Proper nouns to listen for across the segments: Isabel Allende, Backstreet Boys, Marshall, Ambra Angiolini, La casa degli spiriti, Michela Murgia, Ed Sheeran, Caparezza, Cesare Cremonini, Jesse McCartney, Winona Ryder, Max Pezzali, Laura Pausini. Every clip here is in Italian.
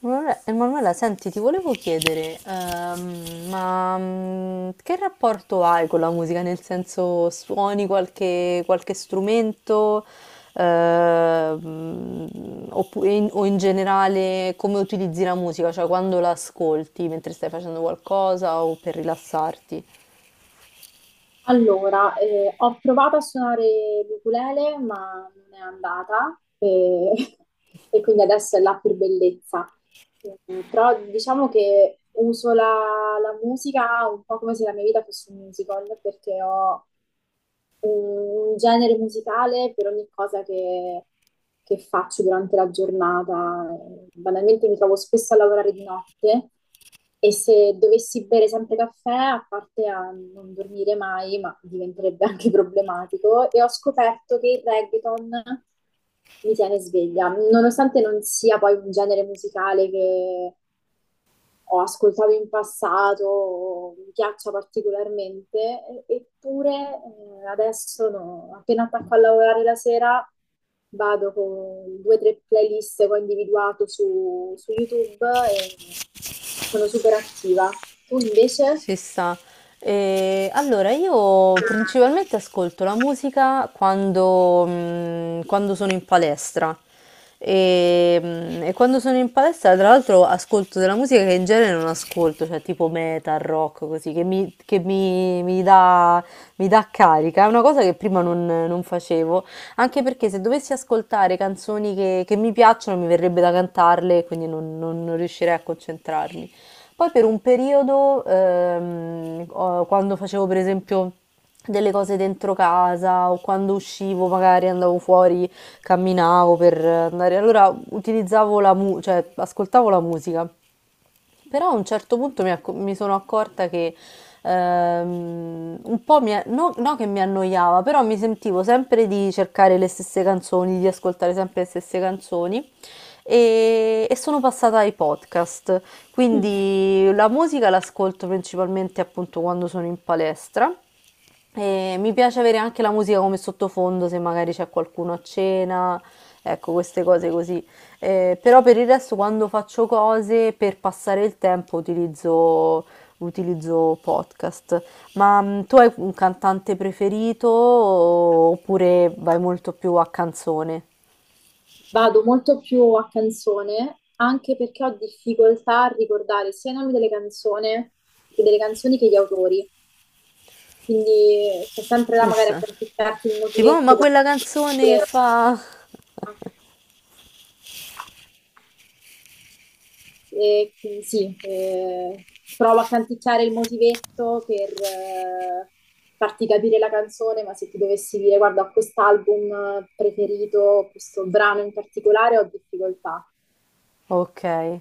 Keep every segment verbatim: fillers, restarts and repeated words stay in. Emanuela, Emanuela, senti, ti volevo chiedere, ehm, ma mm, che rapporto hai con la musica? Nel senso, suoni qualche, qualche strumento, Ehm, oppu- e in- o in generale come utilizzi la musica? Cioè quando la ascolti mentre stai facendo qualcosa o per rilassarti? Allora, eh, ho provato a suonare l'ukulele, ma non è andata e, e quindi adesso è là per bellezza. Eh, Però diciamo che uso la, la musica un po' come se la mia vita fosse un musical, perché ho un genere musicale per ogni cosa che, che faccio durante la giornata. Banalmente mi trovo spesso a lavorare di notte e se dovessi bere sempre caffè, a parte a non dormire mai, ma diventerebbe anche problematico, e ho scoperto che il reggaeton mi tiene sveglia, nonostante non sia poi un genere musicale che ho ascoltato in passato, o mi piaccia particolarmente, e- eppure eh, adesso no. Appena attacco a lavorare la sera vado con due o tre playlist che ho individuato su, su YouTube e sono super attiva. Tu invece? Ci sta. E allora, io principalmente ascolto la musica quando, mm, quando sono in palestra. E, mm, e quando sono in palestra, tra l'altro, ascolto della musica che in genere non ascolto, cioè tipo metal, rock, così, che mi, che mi- mi dà, mi dà carica. È una cosa che prima non, non facevo, anche perché se dovessi ascoltare canzoni che, che mi piacciono, mi verrebbe da cantarle, quindi non non- non riuscirei a concentrarmi. Poi per un periodo, ehm, ho- quando facevo per esempio delle cose dentro casa o quando uscivo, magari andavo fuori, camminavo per andare, allora utilizzavo la mu- cioè ascoltavo la musica. Però a un certo punto mi, acco- mi sono accorta che ehm, un po' mi, a- no, no che mi annoiava, però mi sentivo sempre di cercare le stesse canzoni, di ascoltare sempre le stesse canzoni e, e sono passata ai podcast. Quindi la musica l'ascolto principalmente appunto quando sono in palestra. E mi piace avere anche la musica come sottofondo, se magari c'è qualcuno a cena, ecco, queste cose così. Eh, però per il resto, quando faccio cose per passare il tempo, utilizzo, utilizzo podcast. Ma mm, tu hai un cantante preferito o- oppure vai molto più a canzone? Vado molto più a canzone, anche perché ho difficoltà a ricordare sia i nomi delle canzoni che delle canzoni che gli autori. Quindi sto sempre là magari a Issa. canticchiarti il Tipo, "Oh, ma motivetto per quella canzone che dire, fa... eh, sì, eh, provo a canticchiare il motivetto per eh, farti capire la canzone, ma se ti dovessi dire guarda, ho quest'album eh, preferito, questo brano in particolare, ho difficoltà. Ok,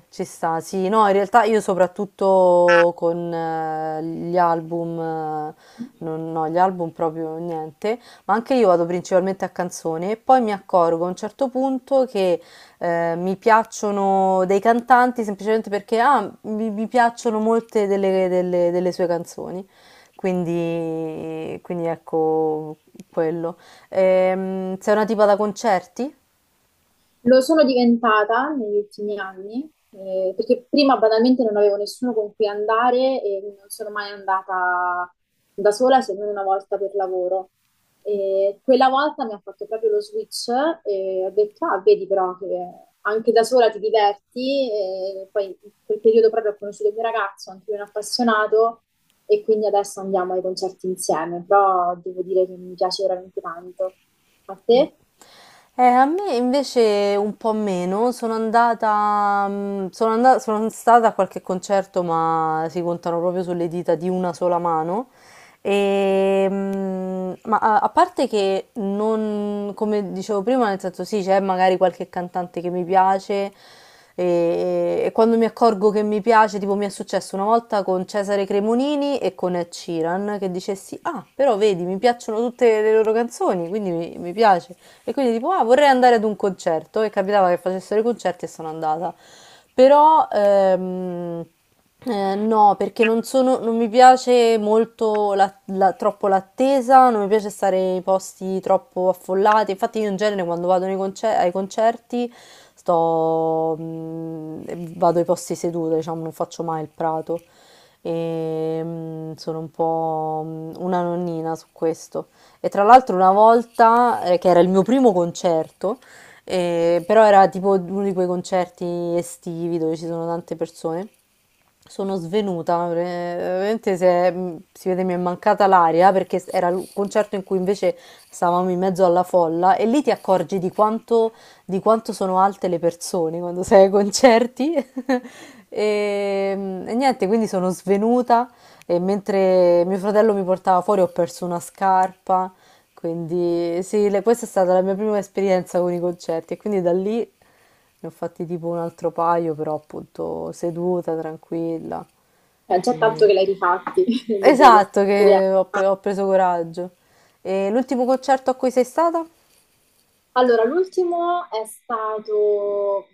ci sta. Sì, no, in realtà io soprattutto con eh, gli album, eh, non, no, gli album proprio niente, ma anche io vado principalmente a canzone e poi mi accorgo a un certo punto che eh, mi piacciono dei cantanti semplicemente perché ah, mi, mi piacciono molte delle, delle- delle sue canzoni. Quindi, quindi ecco quello. Ehm, sei una tipa da concerti? Lo sono diventata negli ultimi anni, eh, perché prima banalmente non avevo nessuno con cui andare e non sono mai andata da sola se non una volta per lavoro. E quella volta mi ha fatto proprio lo switch e ho detto, ah, vedi però che anche da sola ti diverti. E poi in quel periodo proprio ho conosciuto il mio ragazzo, anche lui è un appassionato, e quindi adesso andiamo ai concerti insieme, però devo dire che mi piace veramente tanto. A Mm. te? Eh, a me invece un po' meno, sono andata, mm, sono andata, sono stata a qualche concerto, ma si contano proprio sulle dita di una sola mano. Ehm, ma a, a parte che non, come dicevo prima, nel senso sì, c'è magari qualche cantante che mi piace e, e quando mi accorgo che mi piace, tipo mi è successo una volta con Cesare Cremonini e con Ed Sheeran, che dicessi, ah, però vedi, mi piacciono tutte le loro canzoni, quindi mi, mi piace. E quindi tipo, ah, vorrei andare ad un concerto. E capitava che facessero i concerti e sono andata. Però ehm, eh, no, perché non sono, non mi piace molto la- la- troppo l'attesa, non mi piace stare in posti troppo affollati. Infatti, io in genere quando vado nei concer- ai concerti sto, mm, vado ai posti seduta, diciamo, non faccio mai il prato. E, mm, sono un po' mm, una nonnina su questo. E tra l'altro una volta, eh, che era il mio primo concerto, eh, però era tipo uno di quei concerti estivi dove ci sono tante persone, sono svenuta, eh, veramente si, è- si vede mi è mancata l'aria perché era il concerto in cui invece stavamo in mezzo alla folla e lì ti accorgi di quanto, di quanto sono alte le persone quando sei ai concerti. E, mm, e niente, quindi sono svenuta e mentre mio fratello mi portava fuori ho perso una scarpa. Quindi sì, le- questa è stata la mia prima esperienza con i concerti e quindi da lì ne ho fatti tipo un altro paio, però appunto seduta, tranquilla. È già tanto E- che l'hai rifatti dopo questa Esatto, storia. che ho, pe- ho preso coraggio. E l'ultimo concerto a cui sei stata? Allora, l'ultimo è stato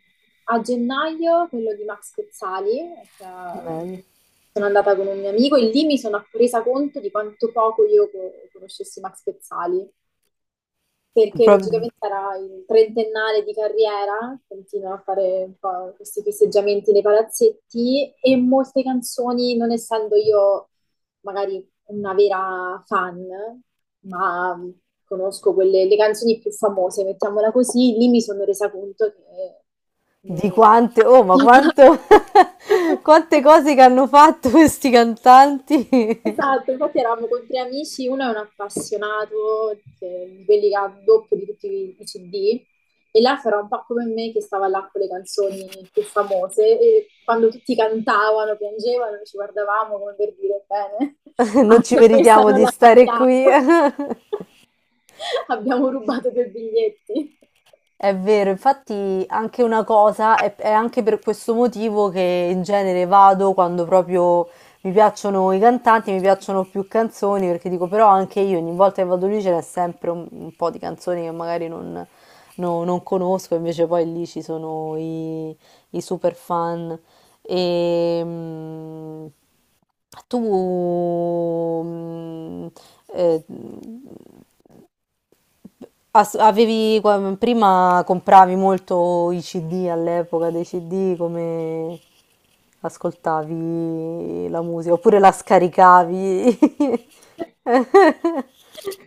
a gennaio, quello di Max Pezzali, che ehm, Bello. sono andata con un mio amico e lì mi sono resa conto di quanto poco io co- conoscessi Max Pezzali. Perché Proprio logicamente era il trentennale di carriera, continua a fare un po' questi festeggiamenti nei palazzetti e molte canzoni, non essendo io magari una vera fan, ma conosco quelle, le canzoni più famose, mettiamola così, lì mi sono resa conto che... di no. quante, oh, ma quanto, quante cose che hanno fatto questi cantanti. Esatto, infatti eravamo con tre amici, uno è un appassionato, che- di quelli che ha il doppio di tutti i i C D, e l'altro era un po' come me che stava là con le canzoni più famose e quando tutti cantavano, piangevano, ci guardavamo come per dire, bene, Non ci anche questa meritiamo non di la stare qui. facciamo, abbiamo rubato due biglietti. È vero, infatti anche una cosa, è, è anche per questo motivo che in genere vado quando proprio mi piacciono i cantanti, mi piacciono più canzoni, perché dico però anche io ogni volta che vado lì ce n'è sempre un, un po' di canzoni che magari non, no- non conosco, invece poi lì ci sono i, i super fan. E, mm, tu mm, eh, Ass- avevi, qua- prima compravi molto i C D all'epoca dei C D, come ascoltavi la musica, oppure la scaricavi.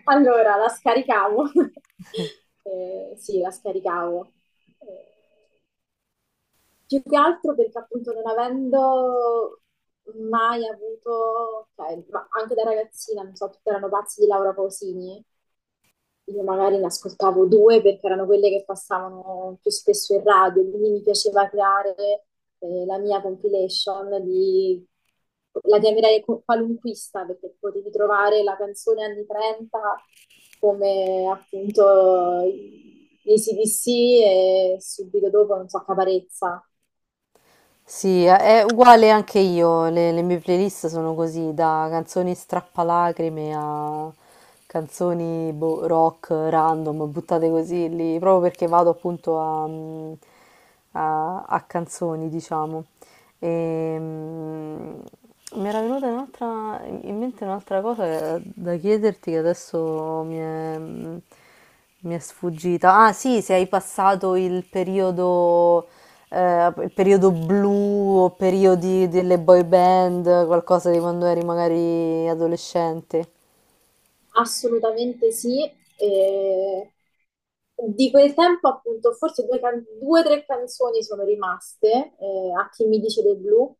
Allora, la scaricavo. Eh, sì, la scaricavo. Eh, Più che altro perché appunto non avendo mai avuto, cioè, ma anche da ragazzina, non so, tutti erano pazzi di Laura Pausini, io magari ne ascoltavo due perché erano quelle che passavano più spesso in radio, quindi mi piaceva creare eh, la mia compilation di... La chiamerei co- qualunquista perché potevi trovare la canzone anni trenta come appunto i C D C e subito dopo, non so, Caparezza. Sì, è uguale anche io, le, le mie playlist sono così, da canzoni strappalacrime a canzoni boh, rock random, buttate così lì, proprio perché vado appunto a, mm, a- a canzoni, diciamo. E, mm, mi era venuta un'altra, in mente un'altra cosa da chiederti che adesso mi è, mi è sfuggita. Ah, sì, se hai passato il periodo, eh, il periodo blu o periodi delle boy band, qualcosa di quando eri magari adolescente, Assolutamente sì. E di quel tempo, appunto, forse due, can- due o tre canzoni sono rimaste. Eh, a chi mi dice del blu,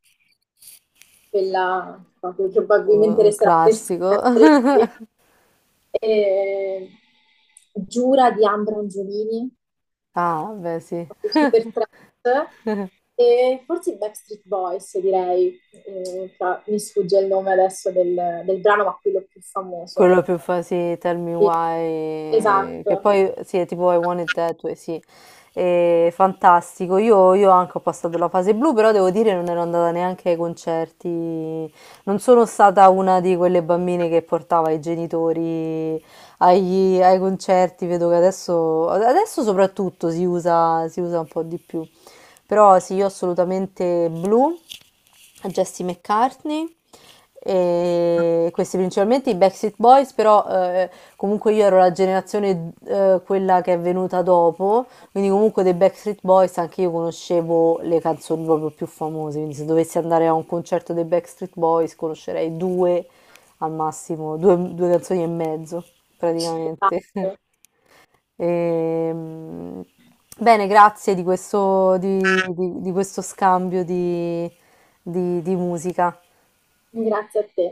quella proprio probabilmente un un resterà per classico. sempre. E Giura di Ambra Angiolini, Ah, beh, sì. proprio super trap. E forse i Backstreet Boys, direi. Eh, fra- mi sfugge il nome adesso del, del brano, ma quello più famoso. Quello più fa sì, Tell Me Sì. Why, che Esatto. poi sì, è tipo I Want It That Way, sì. È fantastico. Io, io anche ho passato la fase blu, però devo dire non ero andata neanche ai concerti. Non sono stata una di quelle bambine che portava i genitori agli- ai concerti. Vedo che adesso, adesso soprattutto si usa, si usa un po' di più. Però sì, io assolutamente blu a Jesse McCartney. E questi principalmente i Backstreet Boys, però eh, comunque io ero la generazione eh, quella che è venuta dopo, quindi comunque dei Backstreet Boys anche io conoscevo le canzoni proprio più famose, quindi se dovessi andare a un concerto dei Backstreet Boys conoscerei due al massimo, due, due canzoni e mezzo praticamente. Esatto. Ehm, bene, grazie di questo, di- di- di questo scambio di di- di musica. Grazie a te.